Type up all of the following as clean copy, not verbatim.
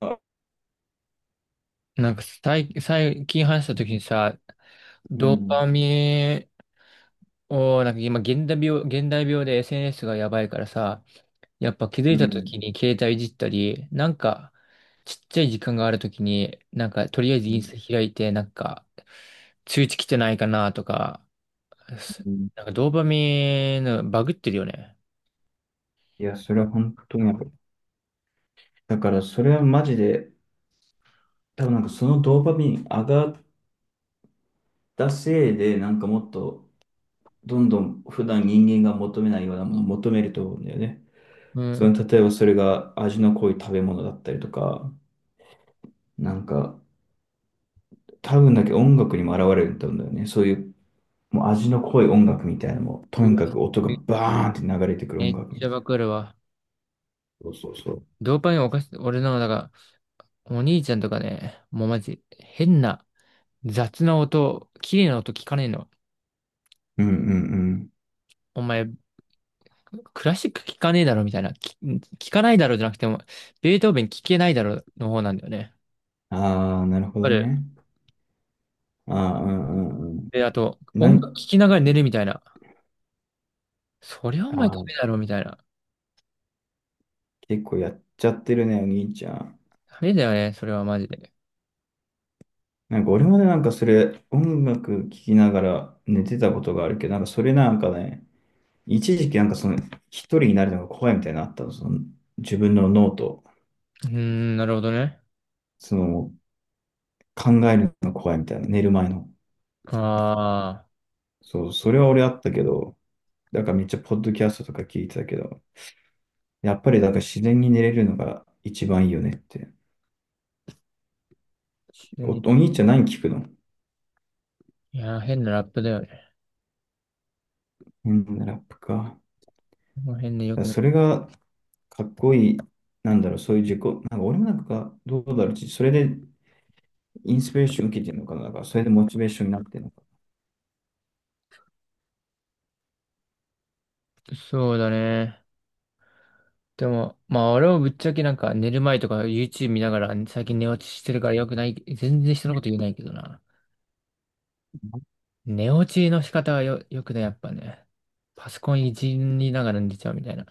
う最近話した時にさ、ドーん、パミンを、なんか今現代病で SNS がやばいからさ、やっぱ気づいうん、うた時ん。に携帯いじったり、なんかちっちゃい時間がある時に、なんかとりあえずインスタ開いて、なんか通知来てないかなとか、すうん、なんかドーパミンのバグってるよね。いや、それは本当にわかる。だからそれはマジで、多分なんかそのドーパミン上がったせいで、なんかもっと、どんどん普段人間が求めないようなものを求めると思うんだよね。うん。その、例えばそれが味の濃い食べ物だったりとか、なんか、多分だけど音楽にも現れると思うんだよね。そういう、もう味の濃い音楽みたいなのも、とうにわ、かく音がバーンって流れてくる音めっ楽みちゃたいな。バグるわ。そうそうそう。ドーパミンおかし、俺の、だから、お兄ちゃんとかね、もうマジ変な、雑な音、綺麗な音聞かねえの。うんうんうん。お前、クラシック聞かねえだろみたいな。聞かないだろじゃなくても、ベートーベン聞けないだろの方なんだよね。ああ、なるほあどれ、ね。ああ、うんうんうで、あと、ん。な音楽ん、聞きながら寝るみたいな。そりゃお前ダああ、メだろみたいな。結構やっちゃってるね、お兄ちゃん。ダメだよね、それはマジで。なんか俺までなんかそれ、音楽聴きながら寝てたことがあるけど、なんかそれなんかね、一時期なんかその、一人になるのが怖いみたいなのあったの、その、自分の脳と、うーん、なるほどね。その、考えるのが怖いみたいな、寝る前の。ああ、そう、それは俺あったけど、だからめっちゃポッドキャストとか聞いてたけど、やっぱりだから自然に寝れるのが一番いいよねって。急お、に。お兄ちゃん何聞くの？いやー、変なラップだよね。変なラップか。この辺でよくない。それがかっこいい、なんだろう、そういう自己、なんか俺もなんか、どうだろう、それでインスピレーション受けてるのかな、なんかそれでモチベーションになってるのかそうだね。でも、まあ俺もぶっちゃけなんか寝る前とか YouTube 見ながら最近寝落ちしてるからよくない。全然人のこと言えないけどな。寝落ちの仕方はよくね、やっぱね。パソコンいじりながら寝ちゃうみたいな。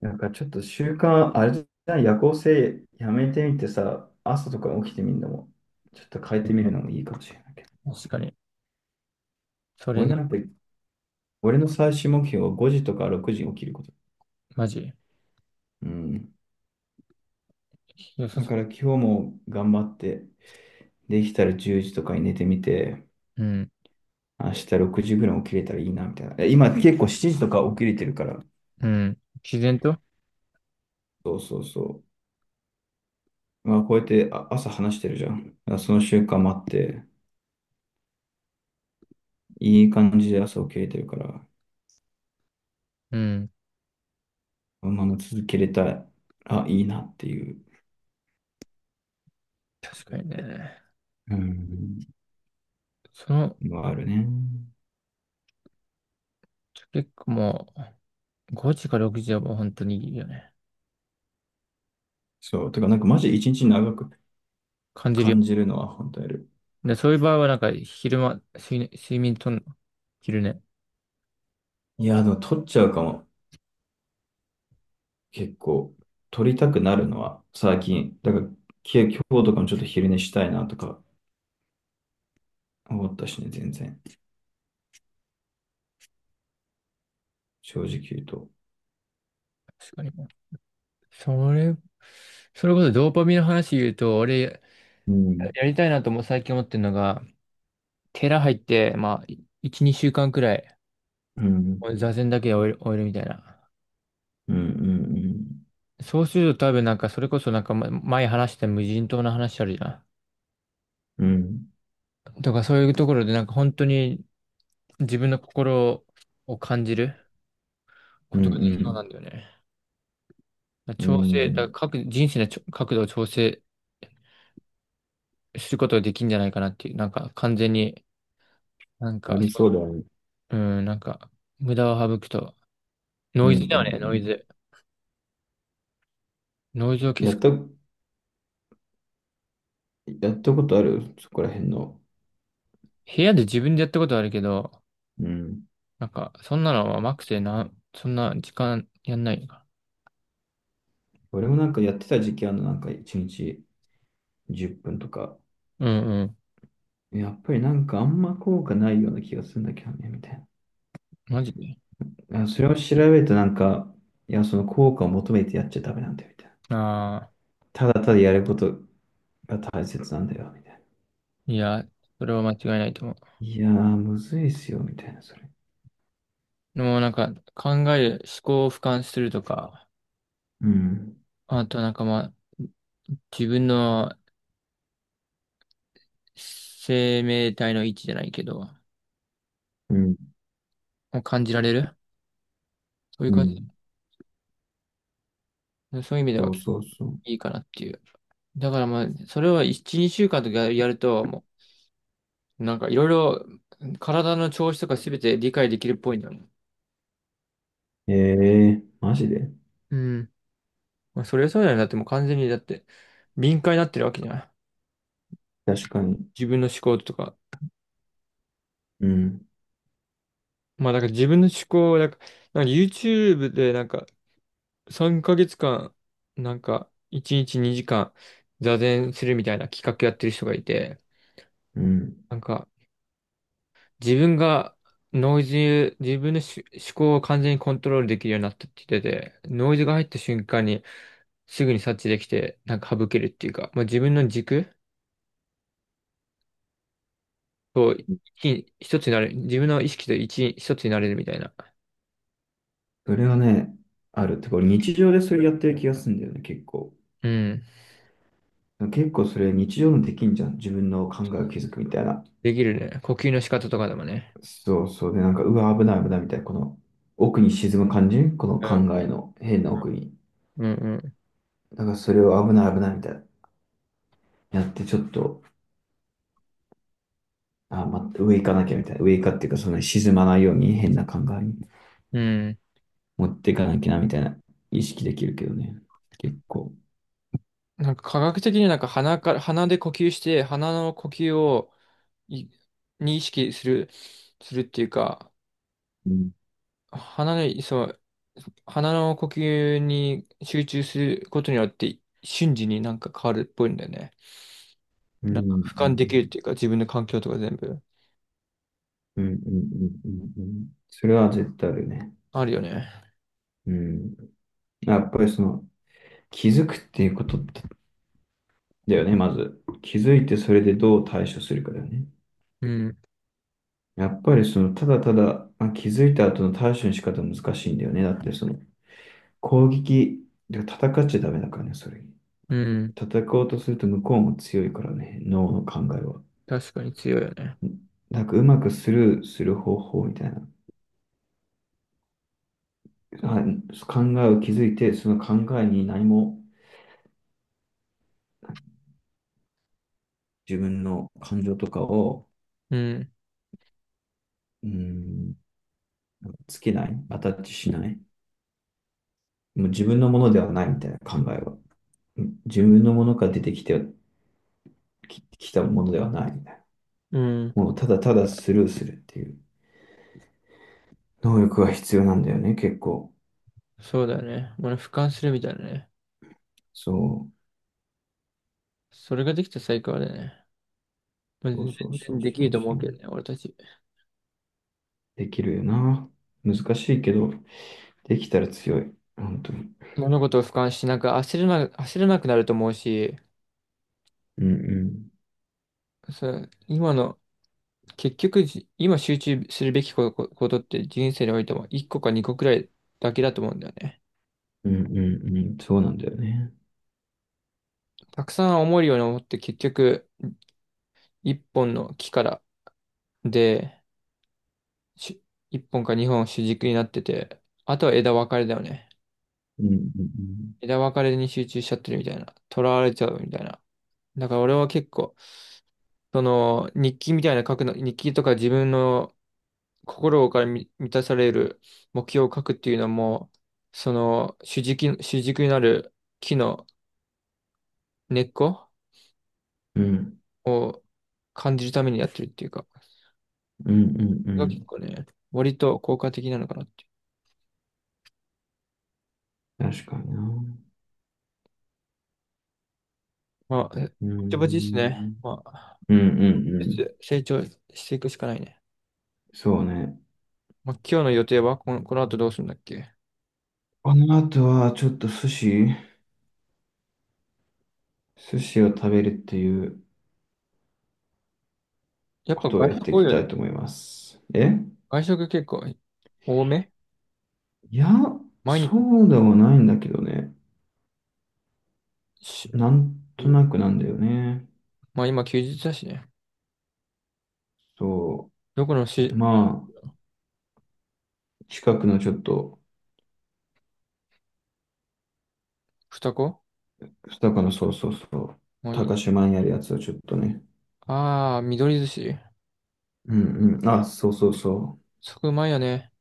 な。なんかちょっと習慣、あれじゃない？夜行性やめてみてさ、朝とか起きてみるのも、ちょっと変えてみるのもいいかもしれないけど。確かに。それ俺ね、なんか、俺の最終目標は5時とか6時に起きること。マジ。うん。良さだそから今日も頑張って、できたら10時とかに寝てみて、う。うん。明日6時ぐらい起きれたらいいなみたいな。今結構7時とか起きれてるから、うん。自然と。そうそうそう。まあ、こうやって朝話してるじゃん。だからその習慣もあって、いい感じで朝起きれてるから、うん。このまま続けれたら、あ、いいなっていう。確かにね。うん。その、のはあるね。結構もう、5時か6時はもう本当にいいよね。そう。てか、なんかマジ一日長く感じるよ。感じるのは本当やる。で、そういう場合はなんか、昼間、睡眠とんの？昼寝。いや、でも取っちゃうかも。結構。取りたくなるのは最近。だから、今日とかもちょっと昼寝したいなとか思ったしね、全然。正直言うと。確かに。それ、それこそドーパミンの話言うと、俺、うん。やりたいなとも最近思ってるのが、寺入って、まあ、1、2週間くらい、うん。座禅だけで終えるみたいな。うん。うん。うん。そうすると多分なんか、それこそなんか、前話した無人島の話あるじゃん。うんとか、そういうところでなんか、本当に自分の心を感じるうことができそうなんんだよね。うん。うだからん。各人生の角度を調整することができるんじゃないかなっていう、なんか、完全に、なんあか、りそそうだね。う。うん、なんか、無駄を省くと、うノんうイんズだうよね、ノイん。ズ。ノイズを消やす。った、やったことあるそこら辺の。部屋で自分でやったことはあるけど、うん。なんか、そんなのは甘くてそんな時間やんないのか。俺もなんかやってた時期あるの、なんか1日10分とか。うんうん。やっぱりなんかあんま効果ないような気がするんだけどね、みたいマジで。な。それを調べるとなんか、いや、その効果を求めてやっちゃダメなんだよ、みたいな。ああ、ただただやることが大切なんだよ、みたいな。いや、それは間違いないと思う。いやー、むずいっすよ、みたいな、それ。でもなんか、考える、思考を俯瞰するとか、うん。あとなんかまあ、自分の生命体の位置じゃないけど、うん。もう感じられる、そういうう感じ、ん。そういう意味ではそう結構そうそう。いいかなっていう。だからまあ、それは1、2週間とかやると、もう、なんかいろいろ体の調子とかすべて理解できるっぽいんだよね。ええー、マジで？うん。まあ、それはそうだよね。だってもう完全に、だって、敏感になってるわけじゃん。確かに。自分の思考とか。うん。まあ、だから自分の思考を、なんか YouTube で、なんか、3ヶ月間、なんか、1日2時間、座禅するみたいな企画やってる人がいて、うん。なんか、自分が、ノイズ、自分の思考を完全にコントロールできるようになったって言ってて、ノイズが入った瞬間に、すぐに察知できて、なんか省けるっていうか、まあ、自分の軸、そう、一つになれる。自分の意識と一つになれるみたいな。それはね、ある。てか、俺日常でそれやってる気がするんだよね、結構。うん。結構それ日常のできんじゃん。自分の考えを気づくみたいな。できるね。呼吸の仕方とかでもね。そうそう。で、なんか、うわ、危ない危ないみたいな、この奥に沈む感じこのう考ん、えの変な奥に。うんだからそれを危ない危ないみたいな。やってちょっと、あ、ま、上行かなきゃみたいな。上行かっていうか、その沈まないように変な考えにうん、うん。持っていかなきゃなみたいな意識できるけどね。結構。なんか科学的になんか鼻から、鼻で呼吸して、鼻の呼吸をい、に意識するっていうか、うん。鼻の、そう、鼻の呼吸に集中することによって、瞬時になんか変わるっぽいんだよね。うん。うなんかん俯う瞰できるっんていうか、自分の環境とか全部うんうんうんうんうん。それは絶対あるよね。あるよね。うん。やっぱりその気づくっていうことだよね、まず。気づいてそれでどう対処するかだよね。うん、やっぱりそのただただまあ気づいた後の対処の仕方は難しいんだよね。だってその攻撃、で戦っちゃダメだからね、それ。うん。戦おうとすると向こうも強いからね、脳の考えは。確かに強いよね。なんかうまくスルーする方法みたいな。あ考えを気づいて、その考えに何も自分の感情とかを、うん、うん、つけない、アタッチしない、もう自分のものではないみたいな考えは。うん、自分のものから出てきてきたものではないみたいうん、な。もうただただスルーするっていう能力が必要なんだよね、結構。そうだね。俺、俯瞰するみたいなね。そう。それができたら最高だよね。まあそう全そうそう然できそるうと思そうう。けどね、俺たち。できるよな。難しいけど、できたら強い。本当に。物事を俯瞰し、なんか焦らなくなると思うし、うんうん。そう今の、結局今集中するべきことって人生においても1個か2個くらいだけだと思うんだよね。うんうんうん。そうなんだよね。たくさん思えるように思って結局、1本の木からで、し1本か2本主軸になってて、あとは枝分かれだよね。うんうん枝分かれに集中しちゃってるみたいな。囚われちゃうみたいな。だから俺は結構、その、日記みたいな書くの、日記とか自分の心から満たされる目標を書くっていうのも、その、主軸になる木の根っこうん。を感じるためにやってるっていうか、うんうんうんうそれが結ん。構ね、割と効果的なのかなっていう。確かにな。まあ、えぼうちぼちですね。ん。まあ、うんうんうずん。つ成長していくしかないね。そうね。まあ、今日の予定はこの後どうするんだっけ？この後はちょっと寿司を食べるっていうやっこぱとを外やっ食てい多いきよたいね。と思います。外食結構多めいや、毎日そうではないんだけどね。し、なんとなくなんだよね。まあ今休日だしね。そどこのう。し、まあ、近くのちょっと、二子、二日のそうそうそう。もういい。高島にあるやつをちょっとね。ああ、緑寿司。うんうん。あ、そうそうそう。そこうまいよね。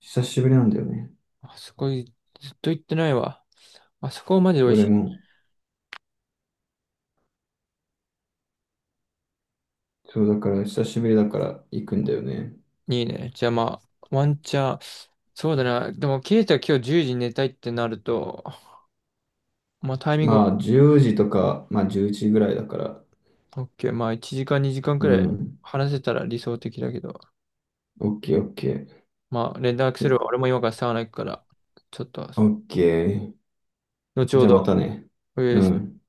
久しぶりなんだよね。あそこずっと行ってないわ。あそこマジで美味俺しも。そうだから、久しぶりだから行くんだよね。い。いいね。じゃあまあ、ワンチャン。そうだな。でも、ケイタ今日10時に寝たいってなると、まあタイミングは、まあ、10時とか、まあ、11時ぐらいだから。オッケー。まあ1時間2時間くうらいん。話せたら理想的だけど。オッケー、オッケー。まあ連絡すでれば俺も今からサウナ行くから、ちょっと、オッケー。後ほじゃあまたど、ね。お願ういします。ん。